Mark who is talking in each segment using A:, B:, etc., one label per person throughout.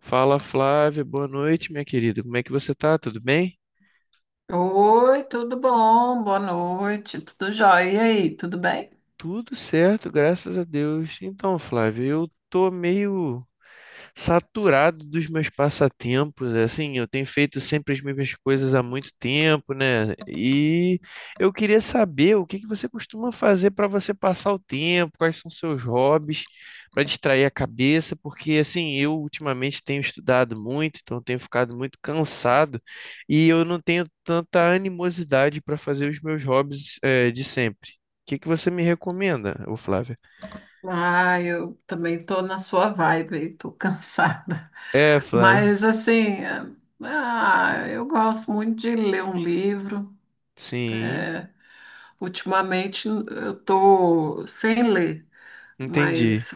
A: Fala Flávia, boa noite, minha querida. Como é que você tá? Tudo bem?
B: Oi, tudo bom? Boa noite, tudo jóia? E aí, tudo bem?
A: Tudo certo, graças a Deus. Então, Flávia, eu tô meio saturado dos meus passatempos, é assim, eu tenho feito sempre as mesmas coisas há muito tempo, né? E eu queria saber o que que você costuma fazer para você passar o tempo, quais são seus hobbies para distrair a cabeça, porque assim, eu ultimamente tenho estudado muito, então tenho ficado muito cansado e eu não tenho tanta animosidade para fazer os meus hobbies de sempre. O que que você me recomenda, ô Flávia?
B: Ah, eu também tô na sua vibe, aí, tô cansada.
A: É, Flávia.
B: Mas assim, ah, eu gosto muito de ler um livro.
A: Sim,
B: É, ultimamente eu tô sem ler,
A: entendi.
B: mas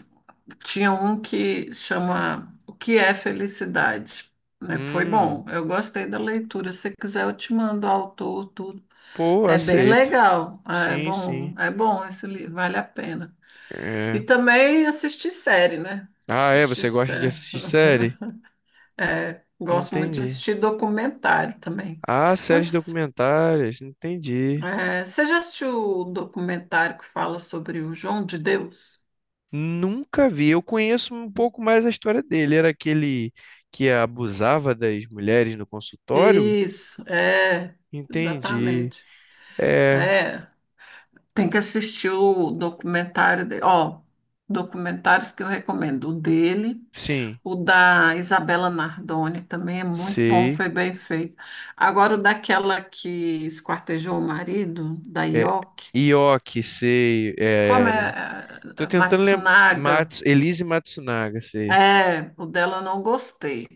B: tinha um que chama O que é felicidade, né? Foi
A: Hum.
B: bom, eu gostei da leitura. Se quiser, eu te mando o autor, tudo.
A: Pô,
B: É bem
A: aceito.
B: legal. Ah, é
A: Sim, sim.
B: bom, é bom esse livro, vale a pena. E
A: É.
B: também assistir série, né?
A: Ah, é?
B: Assistir
A: Você gosta de
B: série.
A: assistir série?
B: É, gosto muito de
A: Entendi.
B: assistir documentário também.
A: Ah, séries
B: Mas,
A: documentárias. Entendi.
B: Você já assistiu o documentário que fala sobre o João de Deus?
A: Nunca vi. Eu conheço um pouco mais a história dele. Era aquele que abusava das mulheres no consultório?
B: Isso, é,
A: Entendi.
B: exatamente.
A: É,
B: É, tem que assistir o documentário dele. Ó, documentários que eu recomendo. O dele.
A: sim.
B: O da Isabela Nardoni também é muito bom,
A: Sei.
B: foi bem feito. Agora, o daquela que esquartejou o marido, da
A: É,
B: Yoki,
A: Ioki, sei.
B: como
A: É,
B: é
A: tô
B: é,
A: tentando lembrar.
B: Matsunaga,
A: Elise Matsunaga, sei.
B: é, o dela eu não gostei.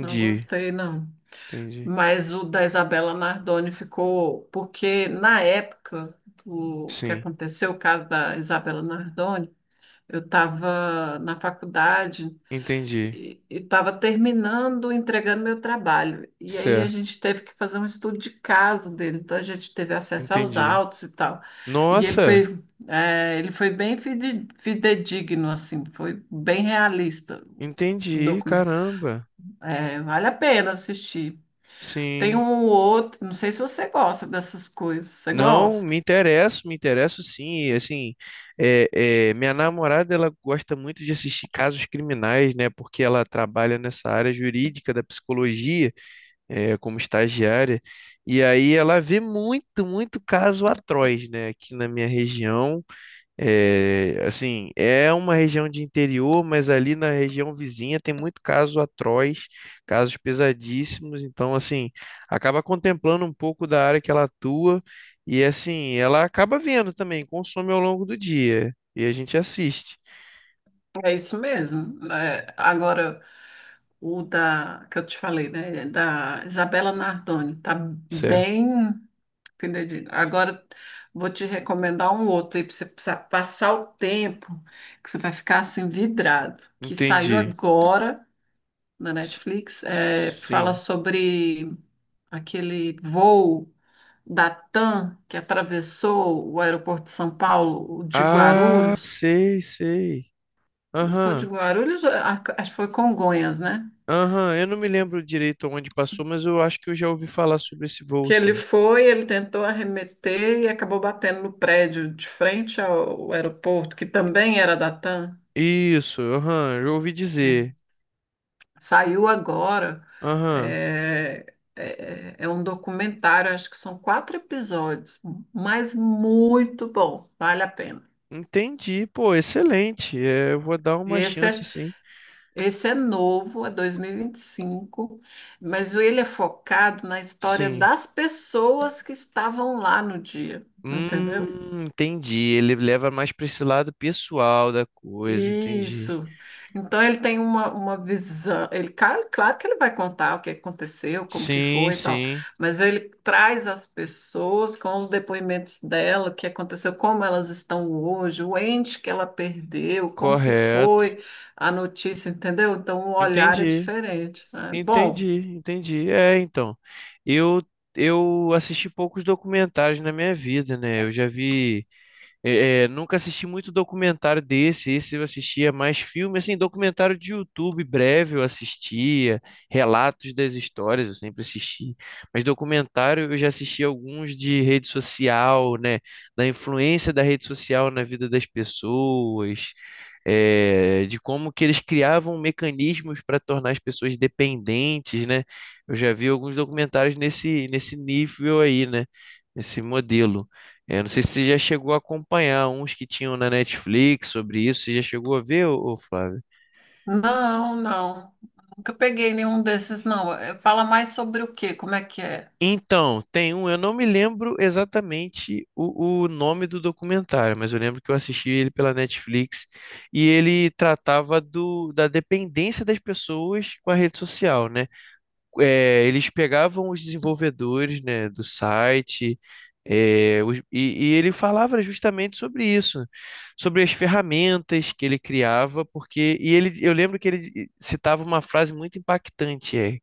B: Não gostei, não.
A: Entendi.
B: Mas o da Isabela Nardoni ficou, porque na época do que
A: Sim.
B: aconteceu o caso da Isabela Nardoni, eu estava na faculdade,
A: Entendi.
B: e estava terminando, entregando meu trabalho. E aí a
A: Certo.
B: gente teve que fazer um estudo de caso dele, então a gente teve acesso aos
A: Entendi.
B: autos e tal. E ele
A: Nossa,
B: foi, ele foi bem fidedigno, assim, foi bem realista o
A: entendi,
B: documento.
A: caramba.
B: Vale a pena assistir. Tem
A: Sim.
B: um outro, não sei se você gosta dessas coisas, você
A: Não,
B: gosta?
A: me interesso sim. E, assim, é, minha namorada ela gosta muito de assistir casos criminais, né? Porque ela trabalha nessa área jurídica da psicologia, como estagiária. E aí ela vê muito, muito caso atroz, né? Aqui na minha região. É, assim, é uma região de interior, mas ali na região vizinha tem muito caso atroz, casos pesadíssimos. Então, assim, acaba contemplando um pouco da área que ela atua e, assim, ela acaba vendo também, consome ao longo do dia e a gente assiste,
B: É isso mesmo. É, agora, o da, que eu te falei, né? Da Isabela Nardoni, tá
A: certo?
B: bem. Penedinho. Agora vou te recomendar um outro aí para você pra passar o tempo, que você vai ficar assim vidrado, que saiu
A: Entendi.
B: agora na
A: S-
B: Netflix, é, fala
A: Sim.
B: sobre aquele voo da TAM que atravessou o aeroporto de São Paulo, o de
A: Ah,
B: Guarulhos.
A: sei, sei.
B: Não foi de
A: Aham,
B: Guarulhos, é, acho que foi Congonhas, né?
A: aham. Eu não me lembro direito onde passou, mas eu acho que eu já ouvi falar sobre esse voo,
B: Que ele
A: sim.
B: foi, ele tentou arremeter e acabou batendo no prédio de frente ao aeroporto, que também era da TAM.
A: Isso, aham, eu ouvi
B: É.
A: dizer.
B: Saiu agora.
A: Aham,
B: É um documentário, acho que são 4 episódios, mas muito bom, vale a pena.
A: entendi, pô, excelente. É, eu vou dar
B: E
A: uma
B: esse é,
A: chance, sim.
B: Esse é novo, é dois mil e vinte e cinco, mas ele é focado na história
A: Sim.
B: das pessoas que estavam lá no dia, entendeu?
A: Entendi. Ele leva mais para esse lado pessoal da coisa, entendi.
B: Isso. Então ele tem uma visão. Claro que ele vai contar o que aconteceu, como que
A: Sim,
B: foi e tal,
A: sim,
B: mas ele traz as pessoas com os depoimentos dela, o que aconteceu, como elas estão hoje, o ente que ela perdeu, como que
A: correto.
B: foi a notícia, entendeu? Então o olhar é
A: Entendi,
B: diferente, né?
A: entendi,
B: Bom,
A: entendi. É, então, eu eu assisti poucos documentários na minha vida, né? Eu já vi. Nunca assisti muito documentário desse. Esse eu assistia mais filme, assim, documentário de YouTube breve eu assistia, relatos das histórias eu sempre assisti, mas documentário eu já assisti alguns de rede social, né, da influência da rede social na vida das pessoas, de como que eles criavam mecanismos para tornar as pessoas dependentes, né? Eu já vi alguns documentários nesse nível aí, né? Nesse modelo. Eu não sei se você já chegou a acompanhar uns que tinham na Netflix sobre isso. Você já chegou a ver, ô Flávio?
B: não, não. Nunca peguei nenhum desses, não. Fala mais sobre o quê? Como é que é?
A: Então, tem um, eu não me lembro exatamente o nome do documentário, mas eu lembro que eu assisti ele pela Netflix e ele tratava da dependência das pessoas com a rede social, né? Eles pegavam os desenvolvedores, né, do site, e ele falava justamente sobre isso, sobre as ferramentas que ele criava, porque e ele, eu lembro que ele citava uma frase muito impactante,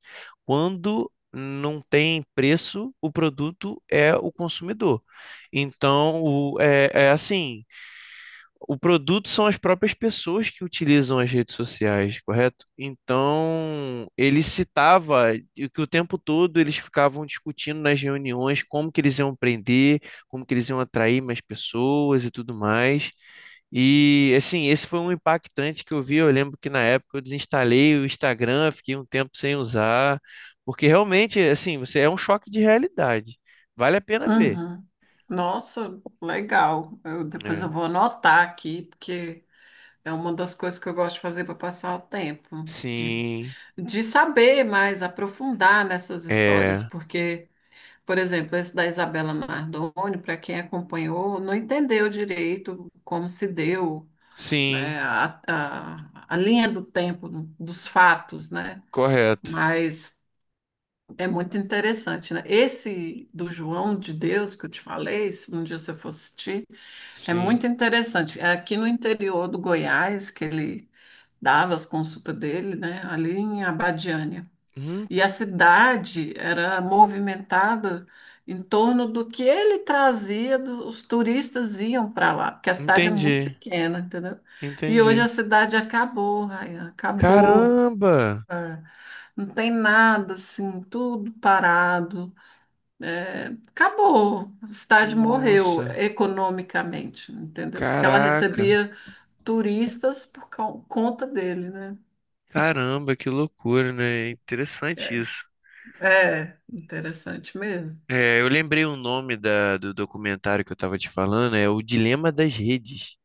A: quando não tem preço, o produto é o consumidor. Então, é assim, o produto são as próprias pessoas que utilizam as redes sociais, correto? Então, ele citava e que o tempo todo eles ficavam discutindo nas reuniões como que eles iam prender, como que eles iam atrair mais pessoas e tudo mais. E assim, esse foi um impactante que eu vi. Eu lembro que na época eu desinstalei o Instagram, fiquei um tempo sem usar, porque realmente, assim, você é um choque de realidade. Vale a pena ver,
B: Uhum. Nossa, legal. Depois eu
A: né?
B: vou anotar aqui, porque é uma das coisas que eu gosto de fazer para passar o tempo, de,
A: Sim,
B: de saber mais, aprofundar nessas histórias,
A: é,
B: porque, por exemplo, esse da Isabela Nardoni, para quem acompanhou, não entendeu direito como se deu,
A: sim.
B: né, a linha do tempo dos fatos, né?
A: Correto.
B: Mas é muito interessante, né? Esse do João de Deus que eu te falei, se um dia você for assistir, é
A: Sim.
B: muito interessante. É aqui no interior do Goiás que ele dava as consultas dele, né? Ali em Abadiânia.
A: Uhum,
B: E a cidade era movimentada em torno do que ele trazia, os turistas iam para lá, porque a cidade é muito
A: entendi.
B: pequena, entendeu? E hoje a
A: Entendi.
B: cidade acabou, Raia, acabou.
A: Caramba!
B: É, não tem nada assim, tudo parado, é, acabou, a cidade morreu
A: Nossa.
B: economicamente, entendeu? Porque ela
A: Caraca.
B: recebia turistas por conta dele, né?
A: Caramba, que loucura, né?
B: É,
A: Interessante isso.
B: é interessante mesmo.
A: É, eu lembrei o nome do documentário que eu estava te falando, é O Dilema das Redes.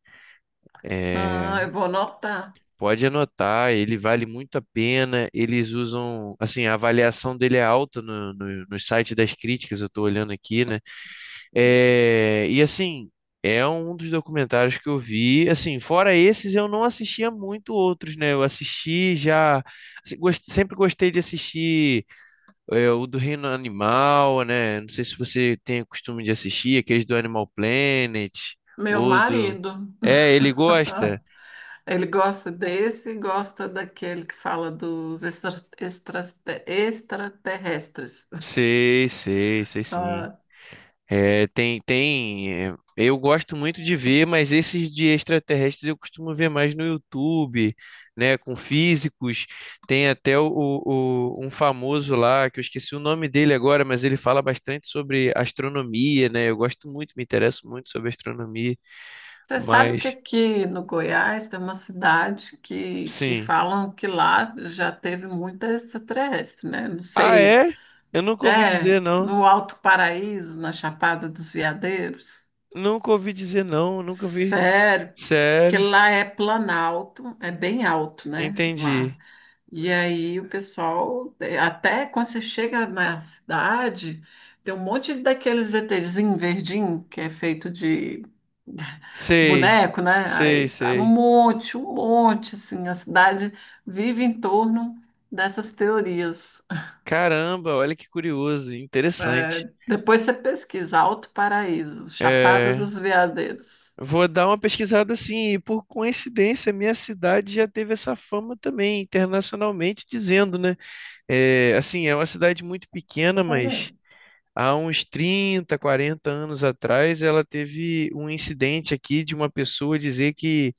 B: Ah,
A: É,
B: eu vou anotar.
A: pode anotar, ele vale muito a pena. Eles usam, assim, a avaliação dele é alta no site das críticas, eu estou olhando aqui, né? É, e assim, é um dos documentários que eu vi. Assim, fora esses, eu não assistia muito outros, né? Eu assisti já. Assim, sempre gostei de assistir o do Reino Animal, né? Não sei se você tem o costume de assistir aqueles do Animal Planet
B: Meu
A: ou do.
B: marido.
A: É, ele gosta?
B: Ele gosta desse e gosta daquele que fala dos extra- extraterrestres.
A: Sei, sei, sei sim. É, tem, tem. Eu gosto muito de ver, mas esses de extraterrestres eu costumo ver mais no YouTube, né? Com físicos. Tem até um famoso lá, que eu esqueci o nome dele agora, mas ele fala bastante sobre astronomia, né? Eu gosto muito, me interesso muito sobre astronomia,
B: Você sabe que
A: mas
B: aqui no Goiás tem uma cidade que
A: sim.
B: falam que lá já teve muita extraterrestre, né? Não
A: Ah,
B: sei.
A: é? Eu nunca ouvi
B: É,
A: dizer, não.
B: no Alto Paraíso, na Chapada dos Veadeiros.
A: Nunca ouvi dizer, não. Nunca ouvi.
B: Sério, porque
A: Sério?
B: lá é planalto, é bem alto, né? Lá.
A: Entendi.
B: E aí o pessoal, até quando você chega na cidade, tem um monte daqueles ETzinho verdinho, que é feito de
A: Sei.
B: boneco, né?
A: Sei,
B: Aí tá
A: sei.
B: um monte, assim, a cidade vive em torno dessas teorias.
A: Caramba, olha que curioso, interessante.
B: Depois você pesquisa, Alto Paraíso, Chapada
A: É,
B: dos Veadeiros.
A: vou dar uma pesquisada assim, e por coincidência, minha cidade já teve essa fama também, internacionalmente dizendo, né? É, assim, é uma cidade muito
B: Tá
A: pequena, mas
B: fazendo?
A: há uns 30, 40 anos atrás, ela teve um incidente aqui de uma pessoa dizer que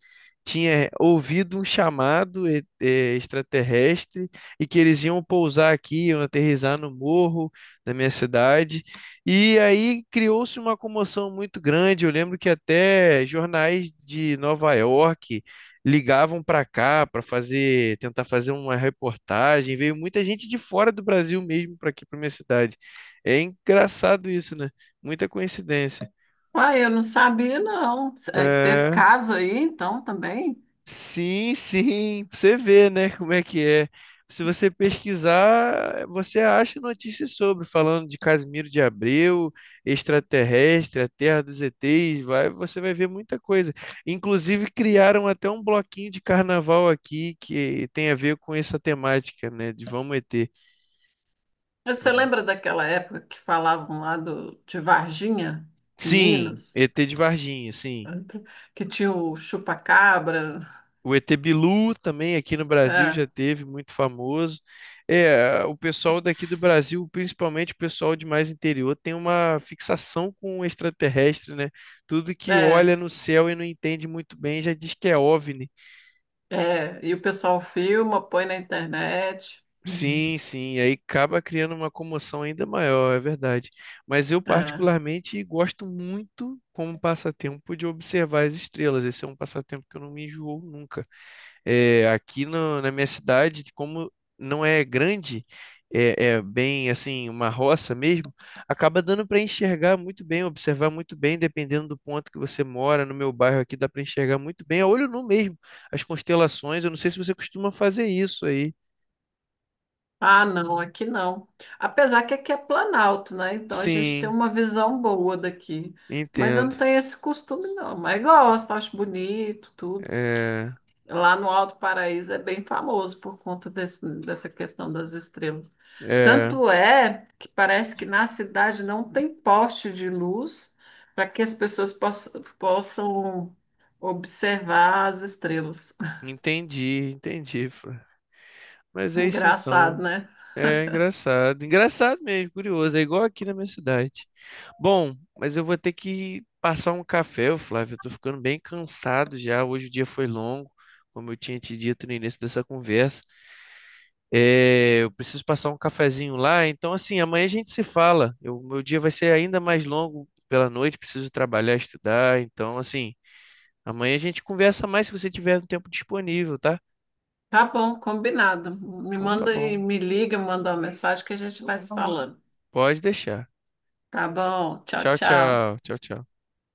A: tinha ouvido um chamado extraterrestre e que eles iam pousar aqui, iam aterrissar no morro da minha cidade. E aí criou-se uma comoção muito grande. Eu lembro que até jornais de Nova York ligavam para cá para fazer, tentar fazer uma reportagem. Veio muita gente de fora do Brasil mesmo para aqui, para minha cidade. É engraçado isso, né? Muita coincidência.
B: Uai, eu não sabia, não. Teve
A: É.
B: caso aí, então, também?
A: Sim, sim, pra você ver, né, como é que é. Se você pesquisar, você acha notícias sobre, falando de Casimiro de Abreu, extraterrestre, a Terra dos ETs, vai, você vai ver muita coisa. Inclusive, criaram até um bloquinho de carnaval aqui que tem a ver com essa temática, né, de Vamos ET.
B: Mas você lembra daquela época que falavam lá de Varginha, em
A: Sim,
B: Minas,
A: ET de Varginha, sim.
B: que tinha o chupa-cabra?
A: O ET Bilu também aqui no Brasil
B: É,
A: já teve, muito famoso. É, o pessoal daqui do Brasil, principalmente o pessoal de mais interior, tem uma fixação com o extraterrestre, né? Tudo que
B: é,
A: olha no céu e não entende muito bem já diz que é OVNI.
B: é. E o pessoal filma, põe na internet. Uhum.
A: Sim, sim, aí acaba criando uma comoção ainda maior, é verdade. Mas eu
B: É.
A: particularmente gosto muito como passatempo de observar as estrelas. Esse é um passatempo que eu não me enjoo nunca. É, aqui na minha cidade, como não é grande, é bem assim, uma roça mesmo, acaba dando para enxergar muito bem, observar muito bem, dependendo do ponto que você mora. No meu bairro aqui dá para enxergar muito bem, a olho nu mesmo, as constelações. Eu não sei se você costuma fazer isso aí.
B: Ah, não, aqui não. Apesar que aqui é Planalto, né? Então a gente tem
A: Sim,
B: uma visão boa daqui. Mas eu
A: entendo.
B: não tenho esse costume, não. Mas gosto, acho bonito, tudo.
A: É,
B: Lá no Alto Paraíso é bem famoso por conta desse, dessa questão das estrelas.
A: é,
B: Tanto é que parece que na cidade não tem poste de luz para que as pessoas possam observar as estrelas.
A: entendi, entendi. Fran. Mas é isso
B: Engraçado,
A: então.
B: né?
A: É engraçado, engraçado mesmo, curioso, é igual aqui na minha cidade. Bom, mas eu vou ter que passar um café, ô Flávio, eu tô ficando bem cansado já, hoje o dia foi longo, como eu tinha te dito no início dessa conversa. É, eu preciso passar um cafezinho lá, então assim, amanhã a gente se fala. Meu dia vai ser ainda mais longo pela noite, preciso trabalhar, estudar, então assim, amanhã a gente conversa mais se você tiver um tempo disponível, tá?
B: Tá bom, combinado. Me
A: Então tá
B: manda e
A: bom,
B: me liga, manda uma mensagem que a gente vai se falando.
A: pode deixar.
B: Tá bom, tchau,
A: Tchau,
B: tchau.
A: tchau, tchau, tchau.